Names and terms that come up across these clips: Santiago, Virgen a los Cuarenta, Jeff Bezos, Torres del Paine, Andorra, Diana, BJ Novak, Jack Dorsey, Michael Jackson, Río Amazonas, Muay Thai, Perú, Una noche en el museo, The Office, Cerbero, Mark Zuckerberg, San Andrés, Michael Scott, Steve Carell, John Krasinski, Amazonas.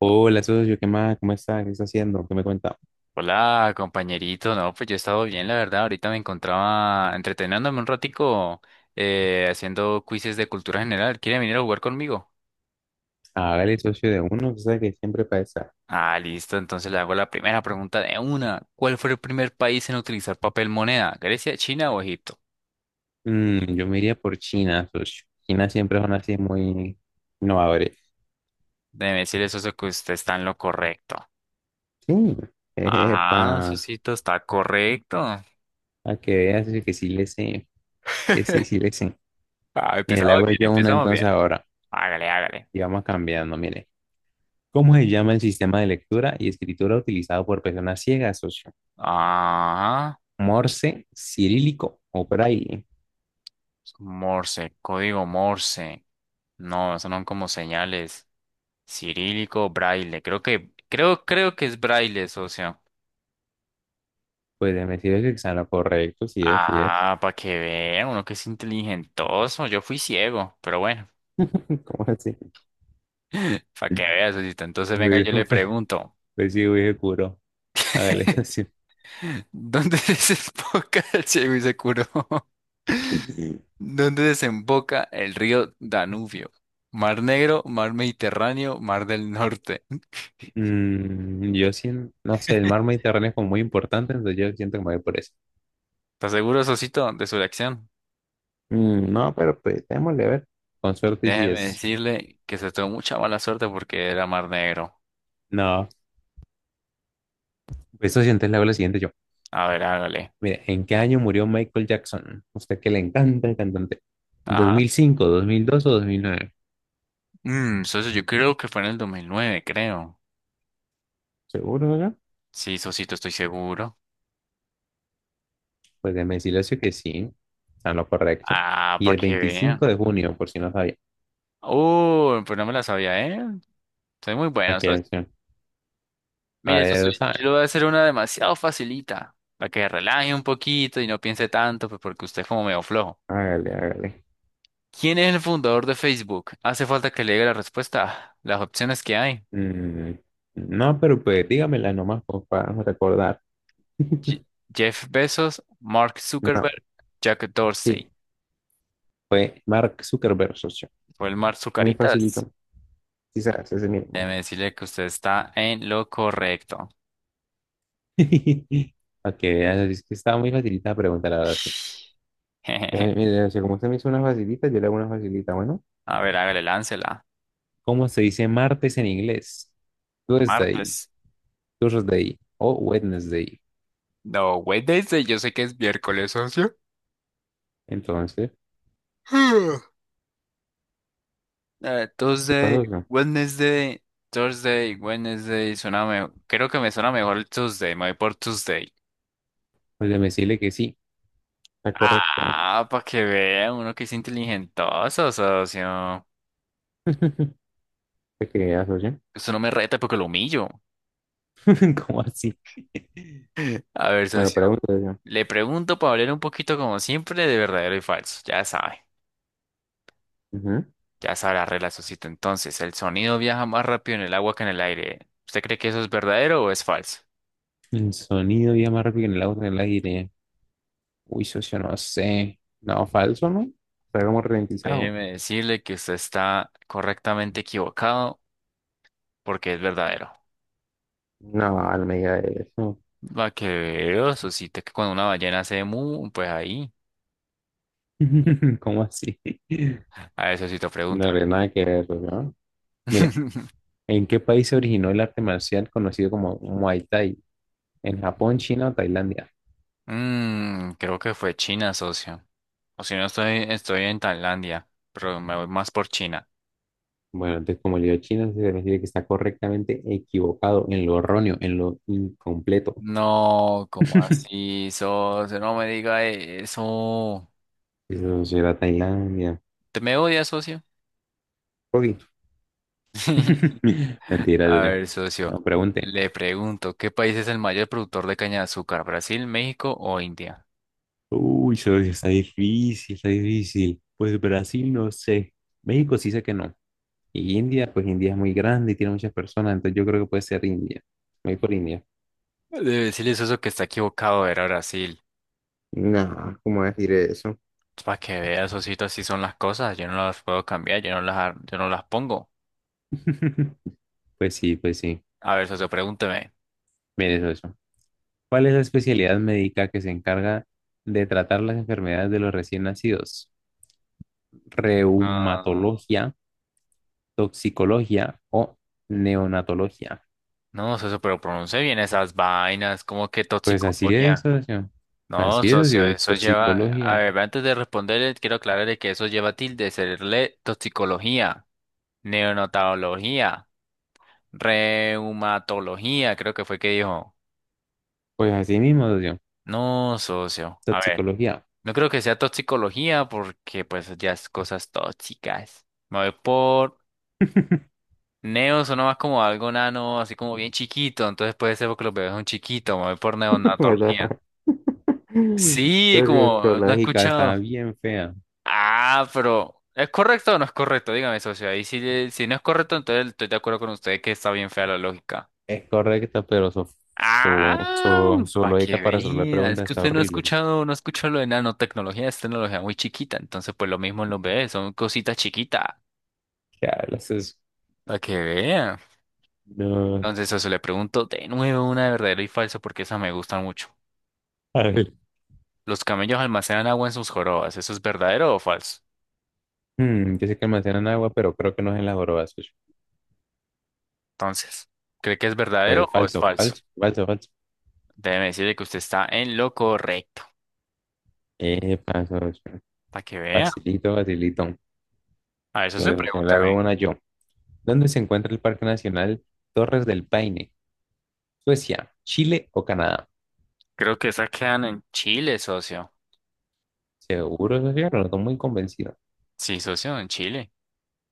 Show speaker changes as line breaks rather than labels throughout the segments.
Hola, socio, ¿qué más? ¿Cómo está? ¿Qué está haciendo? ¿Qué me cuenta?
Hola, compañerito. No, pues yo he estado bien, la verdad. Ahorita me encontraba entreteniéndome un ratico haciendo quizzes de cultura general. ¿Quiere venir a jugar conmigo?
Hágale, socio, de uno, usted sabe que siempre pasa.
Ah, listo. Entonces le hago la primera pregunta de una. ¿Cuál fue el primer país en utilizar papel moneda? ¿Grecia, China o Egipto?
Yo me iría por China, socio. China siempre son así muy innovadores.
Debe decir eso que usted está en lo correcto.
Sí, epa,
Ajá, Susito, está correcto.
para que veas socio, que sí le sé, sí le sé, sí le sé.
Ah,
Mire, le
empezamos
hago
bien,
yo uno
empezamos bien.
entonces ahora
Hágale, hágale.
y vamos cambiando, mire. ¿Cómo se llama el sistema de lectura y escritura utilizado por personas ciegas, socio?
Ajá.
¿Morse, cirílico o braille?
Morse, código Morse. No, eso no son como señales. Cirílico, braille. Creo que es braille, socio.
Pues me decir que está en lo correcto, sí es, sí es.
Ah, para que vea, uno que es inteligentoso. Yo fui ciego, pero bueno,
¿Cómo así?
para que vea, socito. Entonces, venga,
Güey,
yo le pregunto,
Pues sí, güey, seguro. Hágale, así.
¿dónde desemboca el ciego y se curó? ¿Dónde desemboca el río Danubio? Mar Negro, Mar Mediterráneo, Mar del Norte.
Yo siento, no sé, el mar Mediterráneo es como muy importante, entonces yo siento que me voy por eso.
¿Estás seguro, Sosito, de su elección?
No, pero pues démosle a ver. Con suerte y si
Déjeme
es.
decirle que se tuvo mucha mala suerte porque era Mar Negro.
No, pues eso sientes, le hago la siguiente yo.
A ver, hágale.
Mire, ¿en qué año murió Michael Jackson? Usted que le encanta el cantante.
Ajá.
¿2005, 2002 o 2009?
Socio, yo creo que fue en el 2009, creo.
¿Seguro, verdad?
Sí, Sosito, estoy seguro.
Pues déjeme decirle eso que sí, está en lo correcto.
Ah,
Y
para
el
que vean.
25 de junio, por si no sabía.
Pues no me la sabía, ¿eh? Soy muy bueno,
Aquí,
socio.
a
Mire, socio,
ver,
yo
¿sabe?
le voy a hacer una demasiado facilita, para que relaje un poquito y no piense tanto, pues porque usted es como medio flojo.
Hágale, hágale.
¿Quién es el fundador de Facebook? Hace falta que le diga la respuesta, las opciones que hay.
Mm, no, pero pues dígamela nomás pues, para recordar.
Je- Jeff Bezos, Mark
No,
Zuckerberg, Jack Dorsey.
sí, fue Mark Zuckerberg, socio.
Fue el Mark
Muy
Zucaritas.
facilito. Quizás ese mismo.
Déjeme decirle que usted está en lo correcto.
Ok, ya, es que estaba muy facilita la pregunta, la verdad, sí. Eh, Mire, socio, como usted me hizo una facilita, yo le hago una facilita. Bueno,
A ver, hágale, láncela.
¿cómo se dice martes en inglés? Tuesday,
Martes.
Thursday o Wednesday.
No, Wednesday, yo sé que es miércoles, socio.
Entonces, ¿qué
Tuesday,
pasó, socio?
Wednesday, Thursday, Wednesday, suena mejor. Creo que me suena mejor el Tuesday, me voy por Tuesday.
Pues déjeme decirle que sí, está correcto.
Ah, para que vea uno que es inteligentoso, socio.
¿Te creas, socio?
Eso no me reta porque lo humillo.
¿Cómo así?
A ver,
Bueno,
socio.
pregunta yo.
Le pregunto para hablar un poquito como siempre de verdadero y falso. Ya sabe.
Ujú.
Ya sabe la regla, socito. Entonces, el sonido viaja más rápido en el agua que en el aire. ¿Usted cree que eso es verdadero o es falso?
El sonido viaja más rápido que en el auto en el aire. Uy, socio, no sé. No, falso, ¿no? Está como ralentizado.
Déjeme decirle que usted está correctamente equivocado porque es verdadero.
No, no me diga eso.
Va que veo, socito, que cuando una ballena hace mu, pues ahí.
¿Cómo así?
A ver, socito, pregunta.
No tiene nada que ver, ¿no? Mire, ¿en qué país se originó el arte marcial conocido como Muay Thai? ¿En Japón, China o Tailandia?
Mm, creo que fue China, socio. O si no, estoy en Tailandia, pero me voy más por China.
Bueno, entonces como le dio China, se refiere que está correctamente equivocado en lo erróneo, en lo incompleto.
No, ¿cómo así, socio? No me diga eso.
Eso será Tailandia.
¿Te me odias, socio?
Ok, Mentira,
A
Julio.
ver, socio.
No pregunte.
Le pregunto, ¿qué país es el mayor productor de caña de azúcar? ¿Brasil, México o India?
Uy, eso sí está difícil, está difícil. Pues Brasil, no sé. México sí sé que no. Y India, pues India es muy grande y tiene muchas personas, entonces yo creo que puede ser India. Me voy por India.
Debe decirle, socio, que está equivocado, era Brasil.
No, ¿cómo decir eso?
Para que vea, socito, así son las cosas. Yo no las puedo cambiar, yo no las pongo.
Pues sí, pues sí.
A ver, socio, pregúnteme.
Mire eso, eso. ¿Cuál es la especialidad médica que se encarga de tratar las enfermedades de los recién nacidos?
Ah,
¿Reumatología, toxicología o neonatología?
no, socio, pero pronuncie bien esas vainas, como que
Pues así es,
toxicología.
socio.
No,
Así es,
socio,
socio.
eso lleva, a
Toxicología.
ver, antes de responderle, quiero aclararle que eso lleva tilde, serle toxicología, neonatología, reumatología, creo que fue que dijo.
Pues así mismo, socio.
No, socio, a ver,
Toxicología.
no creo que sea toxicología porque pues ya es cosas tóxicas. Me voy por neo, suena más como algo nano, así como bien chiquito, entonces puede ser porque los bebés son chiquitos, me voy por
¿Verdad?
neonatología. Sí, como no he
Sociológica está
escuchado.
bien fea.
Ah, pero ¿es correcto o no es correcto? Dígame, socio. Ahí si, si no es correcto, entonces estoy de acuerdo con usted que está bien fea la lógica.
Es correcta, pero su, su,
Ah,
su, su
para que
lógica para resolver
vea. Es
preguntas
que
está
usted
horrible, socio.
no ha escuchado lo de nanotecnología, es tecnología muy chiquita. Entonces, pues lo mismo en los bebés, son cositas chiquitas.
¿Qué hablas?
Para que vea.
No.
Entonces, socio, le pregunto de nuevo una de verdadero y falso porque esas me gustan mucho.
A ver.
Los camellos almacenan agua en sus jorobas. ¿Eso es verdadero o falso?
Yo sé que almacenan agua, pero creo que no es en las jorobas, socio.
Entonces, ¿cree que es verdadero
Pues
o es
falso,
falso?
falso, falso, falso.
Déjeme decirle que usted está en lo correcto.
Falso, socio.
Para que vea.
Facilito, facilito.
A eso se
Mira, socio, le hago
pregúntame.
una yo. ¿Dónde se encuentra el Parque Nacional Torres del Paine? ¿Suecia, Chile o Canadá?
Creo que esas quedan en Chile, socio.
Seguro, Sofía, pero no estoy muy convencido.
Sí, socio, en Chile.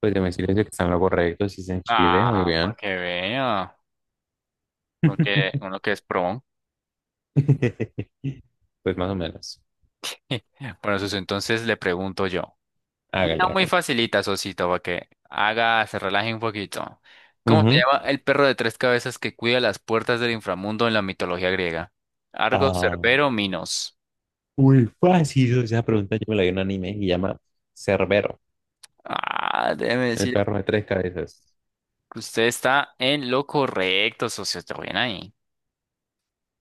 Pues de decirles que están lo correcto, si es en Chile, muy
Ah, para
bien.
que vea. Uno que es pro.
Pues más o menos.
Bueno, socio, entonces le pregunto yo.
Hágale,
Una muy
hágale.
facilita, socito, para que haga, se relaje un poquito. ¿Cómo se
Ujú.
llama el perro de tres cabezas que cuida las puertas del inframundo en la mitología griega? Argo,
Ah,
Cerbero, Minos.
muy fácil. Esa pregunta yo me la vi en un anime y se llama Cerbero,
Ah, déjeme
el
decir
perro de tres cabezas.
que usted está en lo correcto, socio. Está bien ahí.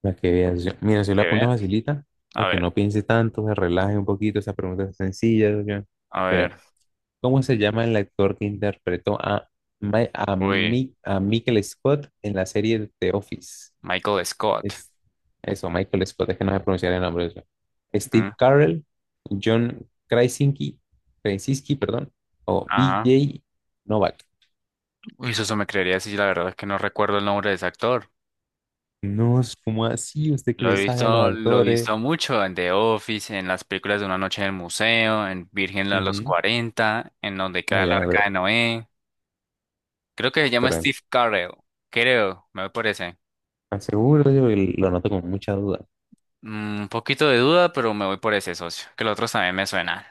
La que veas. Mira, si
Que
la pongo
vea.
facilita,
A
para que
ver,
no piense tanto, se relaje un poquito. Esa pregunta es sencilla.
a
Pero
ver.
¿cómo se llama el actor que interpretó a, Mi- a,
Uy,
Mi- a Michael Scott en la serie The Office?
Michael Scott.
Es, eso, Michael Scott, es que no sé pronunciar el nombre de eso.
¿Mm?
Steve Carell, John Krasinski, Krasinski, perdón, o
Ajá.
BJ Novak.
Uy, eso me creería si la verdad es que no recuerdo el nombre de ese actor.
No, es como así, usted que le sabe a los
Lo he
actores.
visto mucho en The Office, en las películas de Una noche en el museo, en Virgen a los
Ujú.
Cuarenta en donde
Ah,
cae el
ya no
arca de
creo,
Noé. Creo que se llama
perdón.
Steve Carell. Creo, me voy por ese.
Aseguro, yo lo noto con mucha duda.
Mm, un poquito de duda, pero me voy por ese socio, que los otros también me suenan.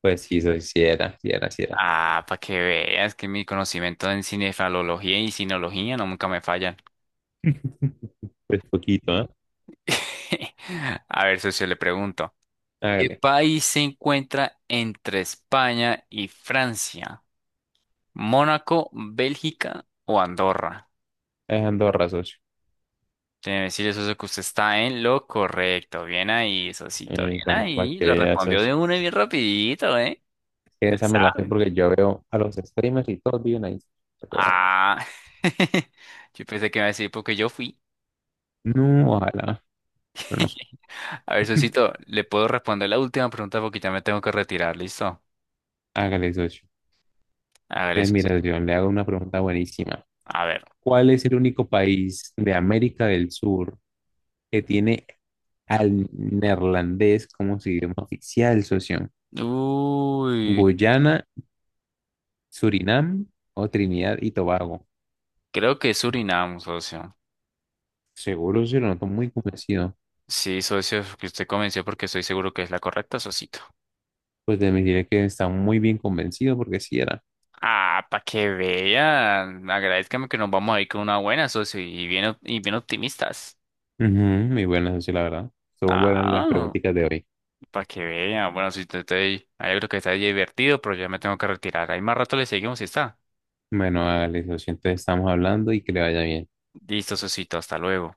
Pues sí, sí era, sí era, sí era.
Ah, para que veas que mi conocimiento en cinefalología y sinología no nunca me fallan.
Pues poquito, ¿eh?
A ver, socio, le pregunto. ¿Qué
Hágale.
país se encuentra entre España y Francia? ¿Mónaco, Bélgica o Andorra?
Es Andorra, socio.
Debe decir eso que usted está en lo correcto. Bien ahí, Sosito,
Y
bien
bueno, para
ahí.
que
Lo
veas,
respondió
socio.
de una y bien rapidito, ¿eh?
Es que
Le
esa me la sé
sabe.
porque yo veo a los streamers y todos viven ahí. Para que vea.
Ah. Yo pensé que me iba a decir porque yo fui.
No, ojalá, pero no.
A ver, Sosito, ¿le puedo responder la última pregunta porque ya me tengo que retirar? ¿Listo?
Hágale, socio.
Hágale,
Entonces, mira,
Sosito.
yo le hago una pregunta buenísima.
A ver.
¿Cuál es el único país de América del Sur que tiene al neerlandés como su idioma oficial, socio?
Uy,
¿Guyana, Surinam o Trinidad y Tobago?
creo que es Surinam, socio.
Seguro, sí lo noto muy convencido.
Sí, socio, que usted convenció porque estoy seguro que es la correcta, socito.
Pues de me diré que está muy bien convencido porque sí era.
Ah, para que vean. Agradezcame que nos vamos a ir con una buena, socio, y bien optimistas.
Ujú, muy buenas, socio, la verdad. Son buenas las
Ah,
preguntitas de hoy.
para que vean. Bueno, si estoy, yo creo que está divertido, pero ya me tengo que retirar. Ahí más rato le seguimos y está.
Bueno, Alex, lo siento, estamos hablando y que le vaya bien.
Listo, socito, hasta luego.